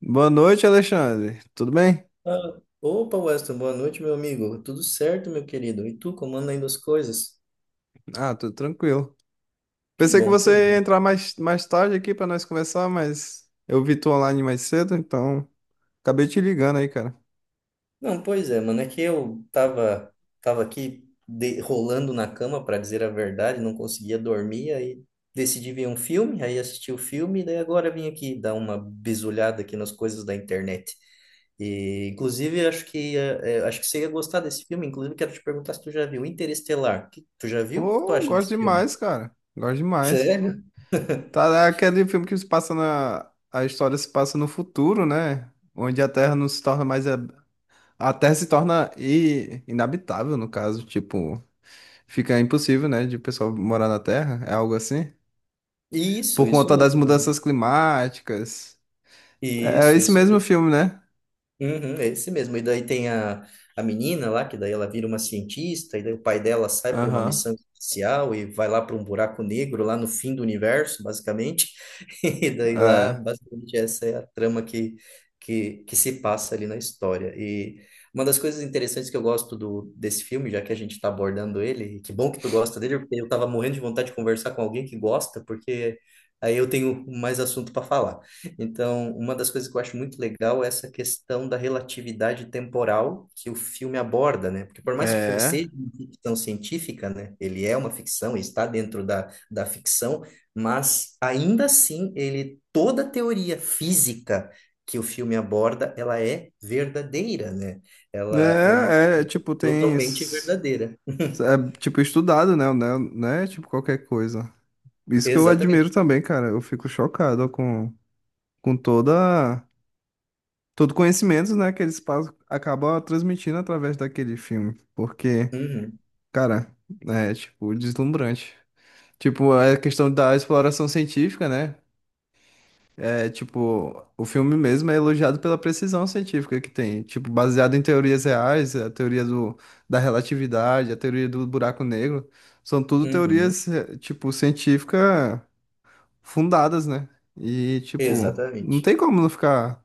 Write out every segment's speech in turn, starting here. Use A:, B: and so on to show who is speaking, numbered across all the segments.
A: Boa noite, Alexandre. Tudo bem?
B: Ah, opa, Weston, boa noite, meu amigo. Tudo certo, meu querido? E tu, como anda indo as coisas?
A: Ah, tudo tranquilo.
B: Que
A: Pensei que
B: bom, que
A: você ia
B: bom.
A: entrar mais tarde aqui para nós conversar, mas eu vi tu online mais cedo, então acabei te ligando aí, cara.
B: Não, pois é, mano, é que eu tava aqui rolando na cama, para dizer a verdade, não conseguia dormir, aí decidi ver um filme, aí assisti o filme, daí agora vim aqui dar uma bisulhada aqui nas coisas da internet. E, inclusive, acho que acho que você ia gostar desse filme, inclusive quero te perguntar se tu já viu Interestelar. Tu já viu? O que tu
A: Pô,
B: acha
A: gosto
B: desse filme?
A: demais, cara. Gosto demais.
B: Sério?
A: Tá, é aquele filme que se passa na. A história se passa no futuro, né? Onde a Terra não se torna mais. A Terra se torna inabitável, no caso. Tipo, fica impossível, né, de o pessoal morar na Terra. É algo assim.
B: Isso,
A: Por
B: isso
A: conta das
B: mesmo, né?
A: mudanças climáticas. É
B: Isso,
A: esse
B: isso
A: mesmo
B: mesmo.
A: filme, né?
B: Uhum, é esse mesmo. E daí tem a menina lá, que daí ela vira uma cientista, e daí o pai dela sai para uma
A: Aham.
B: missão espacial e vai lá para um buraco negro, lá no fim do universo, basicamente. E daí lá,
A: É.
B: basicamente, essa é a trama que se passa ali na história. E uma das coisas interessantes que eu gosto desse filme, já que a gente está abordando ele, e que bom que tu gosta dele, porque eu estava morrendo de vontade de conversar com alguém que gosta, porque aí eu tenho mais assunto para falar. Então, uma das coisas que eu acho muito legal é essa questão da relatividade temporal que o filme aborda, né? Porque por mais que o filme
A: É.
B: seja uma ficção científica, né? Ele é uma ficção, ele está dentro da ficção, mas ainda assim, ele toda a teoria física que o filme aborda, ela é verdadeira, né? Ela é uma
A: É, é, tipo, tem.
B: totalmente
A: s-
B: verdadeira.
A: É, tipo, estudado, né? Não é, tipo, qualquer coisa. Isso que eu admiro
B: Exatamente.
A: também, cara. Eu fico chocado. Com toda. Todo conhecimento, né? Que eles passam, acabam transmitindo através daquele filme. Porque,
B: Uhum,
A: cara, é, tipo, deslumbrante. Tipo, a questão da exploração científica, né? É tipo, o filme mesmo é elogiado pela precisão científica que tem, tipo, baseado em teorias reais, a teoria da relatividade, a teoria do buraco negro, são tudo
B: uhum,
A: teorias, tipo, científicas fundadas, né? E, tipo, não
B: exatamente.
A: tem como não ficar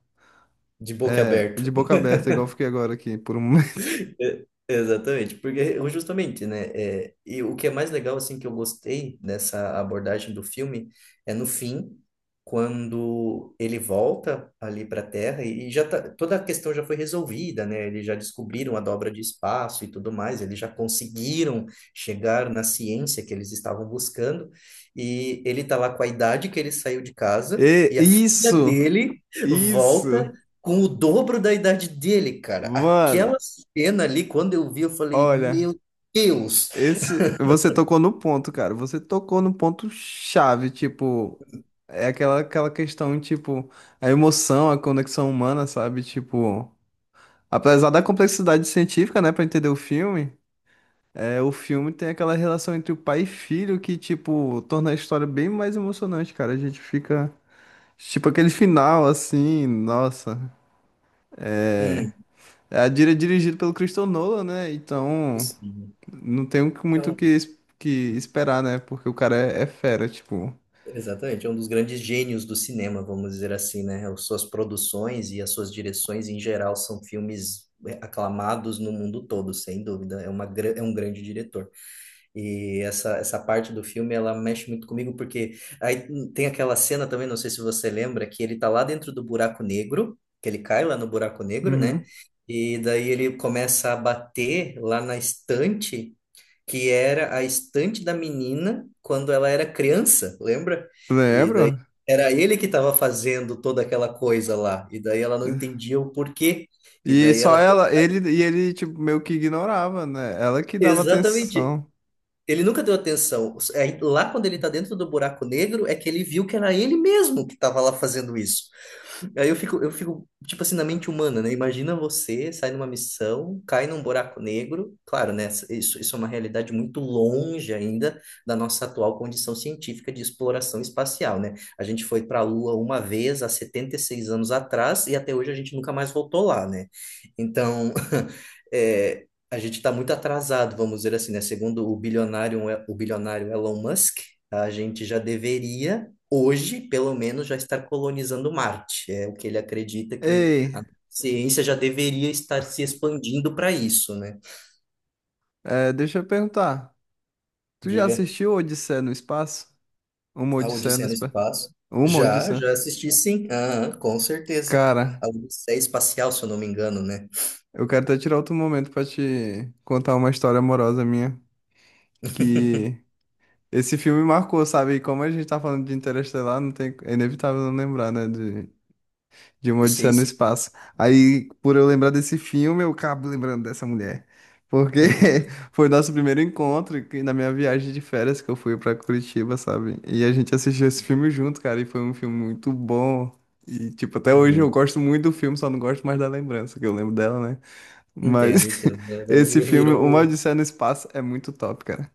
B: De boca aberta.
A: de boca aberta, igual eu fiquei agora aqui por um momento.
B: É, exatamente, porque justamente, né, é, e o que é mais legal, assim, que eu gostei dessa abordagem do filme é no fim, quando ele volta ali para a Terra e já tá, toda a questão já foi resolvida, né, eles já descobriram a dobra de espaço e tudo mais, eles já conseguiram chegar na ciência que eles estavam buscando e ele tá lá com a idade que ele saiu de casa
A: E
B: e a filha
A: isso,
B: dele volta
A: isso,
B: com o dobro da idade dele, cara. Aquela
A: mano,
B: cena ali, quando eu vi, eu falei,
A: olha.
B: meu Deus!
A: Esse, você tocou no ponto, cara. Você tocou no ponto chave, tipo, é aquela questão, tipo, a emoção, a conexão humana, sabe? Tipo, apesar da complexidade científica, né, pra entender o filme, o filme tem aquela relação entre o pai e filho que, tipo, torna a história bem mais emocionante, cara. A gente fica, tipo, aquele final assim, nossa.
B: Hum,
A: É a dirigido pelo Christopher Nolan, né? Então,
B: sim.
A: não tem muito o
B: Então,
A: que esperar, né? Porque o cara é fera, tipo.
B: exatamente, é um dos grandes gênios do cinema, vamos dizer assim, né? As suas produções e as suas direções em geral são filmes é, aclamados no mundo todo, sem dúvida. É uma, é um grande diretor. E essa parte do filme, ela mexe muito comigo, porque aí tem aquela cena também, não sei se você lembra, que ele tá lá dentro do buraco negro, que ele cai lá no buraco negro, né?
A: Uhum.
B: E daí ele começa a bater lá na estante, que era a estante da menina quando ela era criança, lembra? E
A: Lembro.
B: daí era ele que estava fazendo toda aquela coisa lá, e daí ela não entendia o porquê, e
A: E
B: daí
A: só
B: ela...
A: ela, ele tipo meio que ignorava, né? Ela que dava
B: Exatamente.
A: atenção.
B: Ele nunca deu atenção. É, lá quando ele tá dentro do buraco negro, é que ele viu que era ele mesmo que tava lá fazendo isso. Aí eu fico, tipo assim, na mente humana, né? Imagina você sai numa missão, cai num buraco negro. Claro, né? Isso é uma realidade muito longe ainda da nossa atual condição científica de exploração espacial, né? A gente foi para a Lua uma vez há 76 anos atrás e até hoje a gente nunca mais voltou lá, né? Então, é, a gente está muito atrasado, vamos dizer assim, né? Segundo o bilionário Elon Musk, a gente já deveria hoje, pelo menos, já estar colonizando Marte. É o que ele acredita que
A: Ei,
B: a ciência já deveria estar se expandindo para isso, né?
A: deixa eu perguntar. Tu já
B: Diga,
A: assistiu Odisseia no Espaço? Uma
B: a
A: Odisseia no
B: Odisseia no
A: Espaço.
B: Espaço.
A: Uma Odisseia.
B: Já assisti sim, ah, com certeza.
A: Cara,
B: A Odisseia Espacial, se eu não me engano, né?
A: eu quero até tirar outro momento pra te contar uma história amorosa minha que esse filme marcou, sabe? E como a gente tá falando de Interestelar, não tem é inevitável não lembrar, né, de uma
B: Sim,
A: Odisseia no
B: sim.
A: Espaço. Aí, por eu lembrar desse filme, eu acabo lembrando dessa mulher. Porque foi nosso primeiro encontro na minha viagem de férias que eu fui pra Curitiba, sabe? E a gente assistiu esse filme junto, cara, e foi um filme muito bom. E, tipo, até hoje eu
B: Uhum.
A: gosto muito do filme, só não gosto mais da lembrança, que eu lembro dela, né?
B: Entendo,
A: Mas
B: entendo. É,
A: esse
B: é,
A: filme, Uma
B: virou
A: Odisseia no Espaço, é muito top, cara.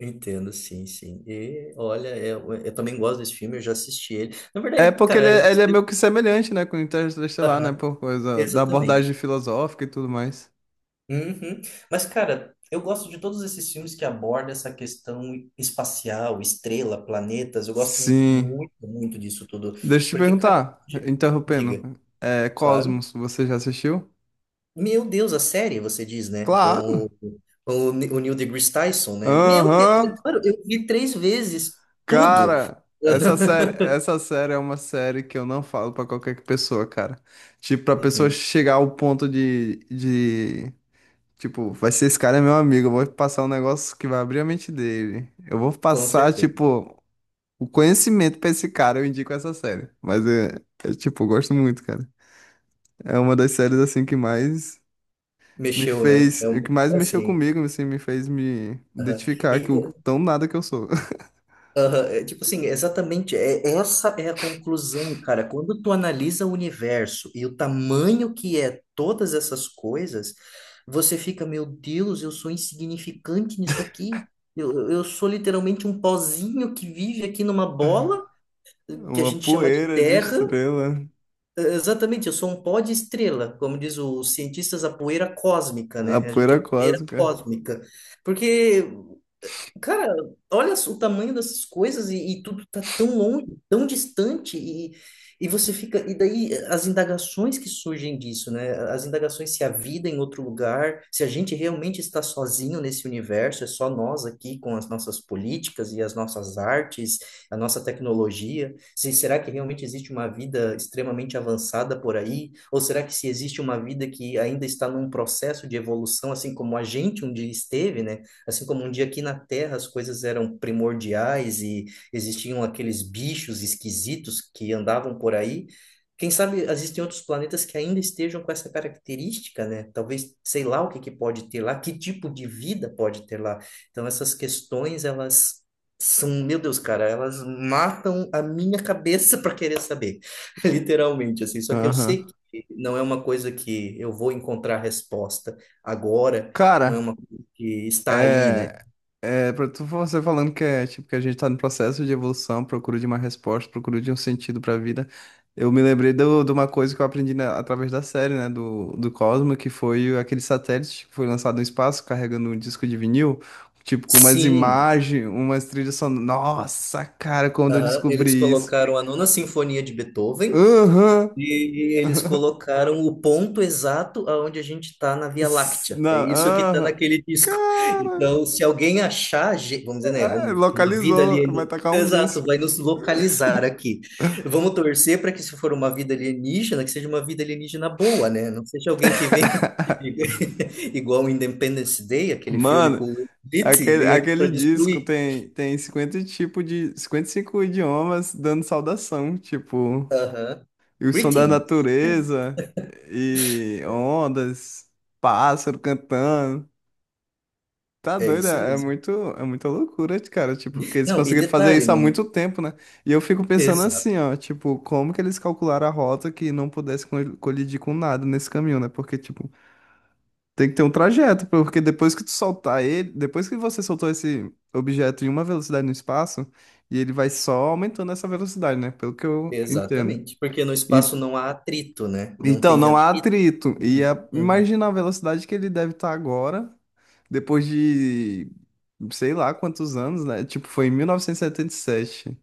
B: um, entendo, sim, sim. E olha, eu também gosto desse filme, eu já assisti ele. Na
A: É
B: verdade,
A: porque ele
B: cara, eu,
A: é, ele é meio
B: eu-
A: que semelhante, né, com o Interestelar, né?
B: Aham,
A: Por coisa da abordagem
B: exatamente.
A: filosófica e tudo mais.
B: Uhum. Mas, cara, eu gosto de todos esses filmes que abordam essa questão espacial, estrela, planetas. Eu gosto
A: Sim.
B: muito, muito disso tudo.
A: Deixa eu te
B: Porque, cara,
A: perguntar,
B: di- diga,
A: interrompendo.
B: claro.
A: Cosmos, você já assistiu?
B: Meu Deus, a série, você diz, né? Com
A: Claro.
B: o Neil deGrasse Tyson, né? Meu Deus,
A: Aham.
B: é claro, eu vi três vezes tudo.
A: Cara, essa série, essa série é uma série que eu não falo pra qualquer pessoa, cara. Tipo, pra pessoa
B: Uhum,
A: chegar ao ponto de, tipo, vai ser esse cara é meu amigo, eu vou passar um negócio que vai abrir a mente dele. Eu vou
B: com
A: passar,
B: certeza.
A: tipo, o conhecimento pra esse cara, eu indico essa série. Mas é tipo, eu gosto muito, cara. É uma das séries assim que mais me
B: Mexeu, né?
A: fez,
B: É
A: o que
B: um,
A: mais mexeu
B: assim.
A: comigo, assim, me fez me
B: Aham.
A: identificar que o
B: E,
A: tão nada que eu sou.
B: aham, é, tipo assim, é exatamente, é, essa é a conclusão, cara. Quando tu analisa o universo e o tamanho que é todas essas coisas, você fica, meu Deus, eu sou insignificante nisso aqui. Eu sou literalmente um pozinho que vive aqui numa bola, que a
A: Uma
B: gente chama de
A: poeira de
B: terra.
A: estrela,
B: É, exatamente, eu sou um pó de estrela, como diz os cientistas, a poeira cósmica, né?
A: a
B: A gente
A: poeira
B: é poeira
A: cósmica.
B: cósmica. Porque cara, olha só o tamanho dessas coisas e tudo tá tão longe, tão distante e você fica e daí as indagações que surgem disso, né? As indagações se a vida é em outro lugar, se a gente realmente está sozinho nesse universo, é só nós aqui com as nossas políticas e as nossas artes, a nossa tecnologia. Se será que realmente existe uma vida extremamente avançada por aí? Ou será que se existe uma vida que ainda está num processo de evolução, assim como a gente um dia esteve, né? Assim como um dia aqui na Terra as coisas eram primordiais e existiam aqueles bichos esquisitos que andavam por aí, quem sabe existem outros planetas que ainda estejam com essa característica, né? Talvez, sei lá o que que pode ter lá, que tipo de vida pode ter lá. Então essas questões, elas são, meu Deus, cara, elas matam a minha cabeça para querer saber, literalmente, assim. Só que eu
A: Aham.
B: sei que não é uma coisa que eu vou encontrar resposta agora, não é
A: Cara,
B: uma que está aí, né?
A: é. Você falando que é tipo que a gente tá no processo de evolução, procura de uma resposta, procura de um sentido pra vida. Eu me lembrei de uma coisa que eu aprendi através da série, né, do Cosmo, que foi aquele satélite que foi lançado no espaço carregando um disco de vinil, tipo com umas
B: Sim,
A: imagens, umas trilhas sonoras. Nossa, cara, quando eu
B: aham,
A: descobri
B: eles
A: isso.
B: colocaram a Nona Sinfonia de Beethoven
A: Aham.
B: e eles colocaram o ponto exato aonde a gente está na Via Láctea.
A: Não,
B: É isso que está
A: aham.
B: naquele disco.
A: Cara,
B: Então, se alguém achar, vamos dizer, né? Vamos, uma vida
A: localizou, vai
B: alienígena.
A: tacar um
B: Exato,
A: míssil.
B: vai nos localizar aqui. Vamos torcer para que, se for uma vida alienígena, que seja uma vida alienígena boa, né? Não seja alguém que vem igual o Independence Day, aquele filme com
A: Mano,
B: o Will Smith, e
A: Aquele,
B: vem aqui para
A: aquele disco
B: destruir.
A: tem 50 tipo de 55 idiomas dando saudação, tipo,
B: Aham.
A: e o som da
B: Greeting.
A: natureza e ondas, pássaro cantando. Tá
B: É
A: doido,
B: isso
A: é é
B: mesmo.
A: muito, é muita loucura, cara, tipo, que eles
B: Não, e
A: conseguiram fazer
B: detalhe,
A: isso há
B: né?
A: muito tempo, né? E eu fico pensando
B: Exato,
A: assim, ó, tipo, como que eles calcularam a rota que não pudesse colidir com nada nesse caminho, né? Porque, tipo, tem que ter um trajeto, porque depois que tu soltar ele, depois que você soltou esse objeto em uma velocidade no espaço, e ele vai só aumentando essa velocidade, né? Pelo que eu entendo.
B: exatamente. Porque no espaço
A: E-
B: não há atrito, né? Não
A: então,
B: tem
A: não há
B: atrito.
A: atrito. E
B: Uhum, uhum,
A: imagina a velocidade que ele deve estar agora, depois de sei lá quantos anos, né? Tipo, foi em 1977.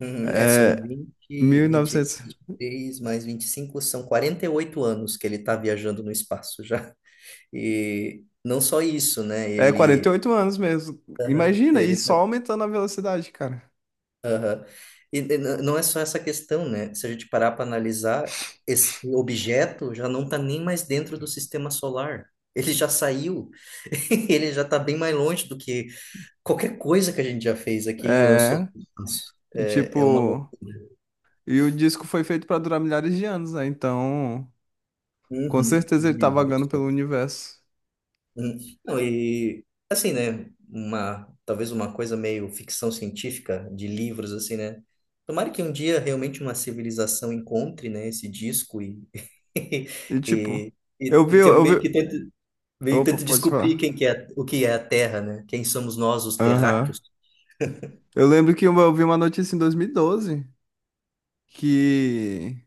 B: uhum. É, são vinte e
A: 1900.
B: 23 mais 25, são 48 anos que ele está viajando no espaço já. E não só isso, né?
A: É,
B: Ele,
A: 48 anos mesmo.
B: aham,
A: Imagina, e
B: ele
A: só
B: tá.
A: aumentando a velocidade, cara.
B: Não é só essa questão, né? Se a gente parar para analisar, esse objeto já não está nem mais dentro do sistema solar. Ele já saiu, ele já está bem mais longe do que qualquer coisa que a gente já fez aqui e lançou
A: É,
B: para espaço.
A: e
B: É, é uma loucura.
A: tipo. E o disco foi feito pra durar milhares de anos, né? Então, com
B: Uhum.
A: certeza ele tá vagando pelo universo.
B: Hum, não, e assim, né? Uma, talvez uma coisa meio ficção científica de livros, assim, né? Tomara que um dia realmente uma civilização encontre, né, esse disco
A: E tipo,
B: e, e,
A: eu
B: e
A: vi,
B: tem-
A: eu vi.
B: meio que tente, meio que
A: Opa,
B: tente
A: pode
B: descobrir
A: falar.
B: quem que é, o que é a Terra, né? Quem somos nós, os
A: Aham.
B: terráqueos.
A: Eu lembro que eu vi uma notícia em 2012 que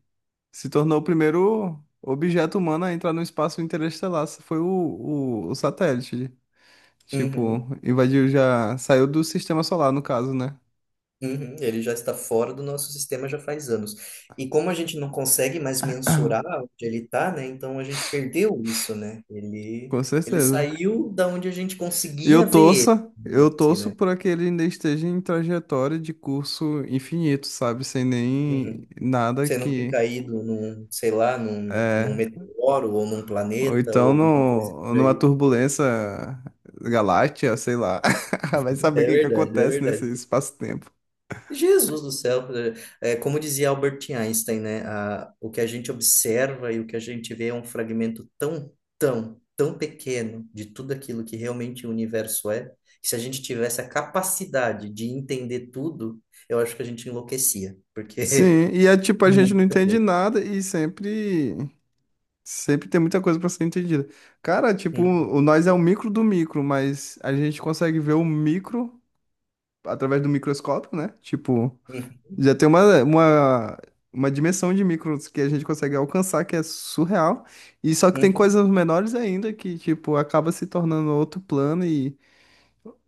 A: se tornou o primeiro objeto humano a entrar no espaço interestelar. Foi o satélite.
B: Uhum.
A: Tipo, invadiu já. Saiu do sistema solar, no caso, né?
B: Uhum, ele já está fora do nosso sistema já faz anos. E como a gente não consegue mais mensurar onde ele está, né? Então a gente perdeu isso, né? Ele,
A: Com
B: ele
A: certeza.
B: saiu da onde a gente conseguia
A: Eu
B: ver ele,
A: torça,
B: ainda
A: eu
B: assim,
A: torço
B: né?
A: para que ele ainda esteja em trajetória de curso infinito, sabe? Sem nem
B: Uhum.
A: nada
B: Você não ter
A: que
B: caído num, sei lá, num
A: é.
B: meteoro ou num
A: Ou
B: planeta ou
A: então
B: alguma coisa
A: no,
B: por
A: numa
B: aí.
A: turbulência galáctea, sei lá. Vai saber o
B: É
A: que que
B: verdade, é
A: acontece nesse
B: verdade.
A: espaço-tempo.
B: Jesus do céu, é, é, como dizia Albert Einstein, né? A, o que a gente observa e o que a gente vê é um fragmento tão, tão, tão pequeno de tudo aquilo que realmente o universo é, que se a gente tivesse a capacidade de entender tudo, eu acho que a gente enlouquecia, porque
A: Sim, e é tipo, a gente não
B: muita
A: entende
B: coisa.
A: nada e sempre tem muita coisa para ser entendida. Cara, tipo,
B: Uhum,
A: o nós é o micro do micro, mas a gente consegue ver o micro através do microscópio, né? Tipo.
B: uhum,
A: Já tem uma dimensão de micros que a gente consegue alcançar que é surreal. E só que tem
B: uhum,
A: coisas menores ainda que, tipo, acaba se tornando outro plano e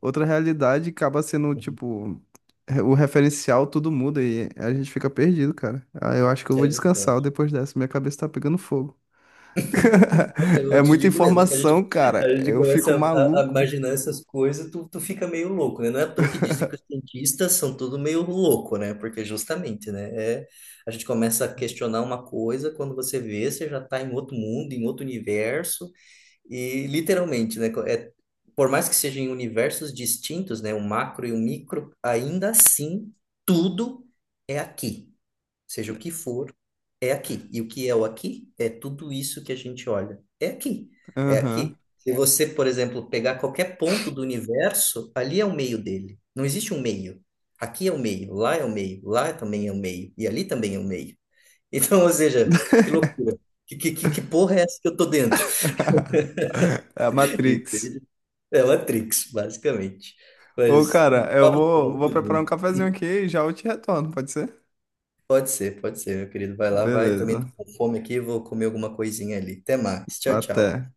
A: outra realidade, e acaba sendo,
B: uhum.
A: tipo, o referencial, tudo muda e a gente fica perdido, cara. Ah, eu acho que eu vou
B: É
A: descansar
B: verdade.
A: depois dessa, minha cabeça tá pegando fogo.
B: Olha,
A: É
B: eu te
A: muita
B: digo mesmo, é que
A: informação, cara.
B: a gente
A: Eu fico
B: começa a
A: maluco.
B: imaginar essas coisas, tu fica meio louco, né? Não é à toa que dizem que os cientistas são tudo meio louco, né? Porque justamente, né? É, a gente começa a questionar uma coisa, quando você vê, você já está em outro mundo, em outro universo, e literalmente, né? É, por mais que sejam em universos distintos, né? O macro e o micro, ainda assim, tudo é aqui seja o que for, é aqui. E o que é o aqui é tudo isso que a gente olha. É aqui. É aqui.
A: Aham.
B: Se você, por exemplo, pegar qualquer ponto do universo, ali é o meio dele. Não existe um meio. Aqui é o meio, lá é o meio, lá também é o meio, e ali também é o meio. Então, ou seja, que loucura. Que porra é essa que eu tô dentro?
A: É a Matrix.
B: Entende? É Matrix, basicamente.
A: Ô,
B: Mas
A: cara,
B: o
A: eu
B: papo tá
A: vou, vou
B: muito
A: preparar um
B: bom.
A: cafezinho aqui e já eu te retorno, pode ser?
B: Pode ser, meu querido. Vai lá, vai. Também tô
A: Beleza.
B: com fome aqui, vou comer alguma coisinha ali. Até mais. Tchau, tchau.
A: Até.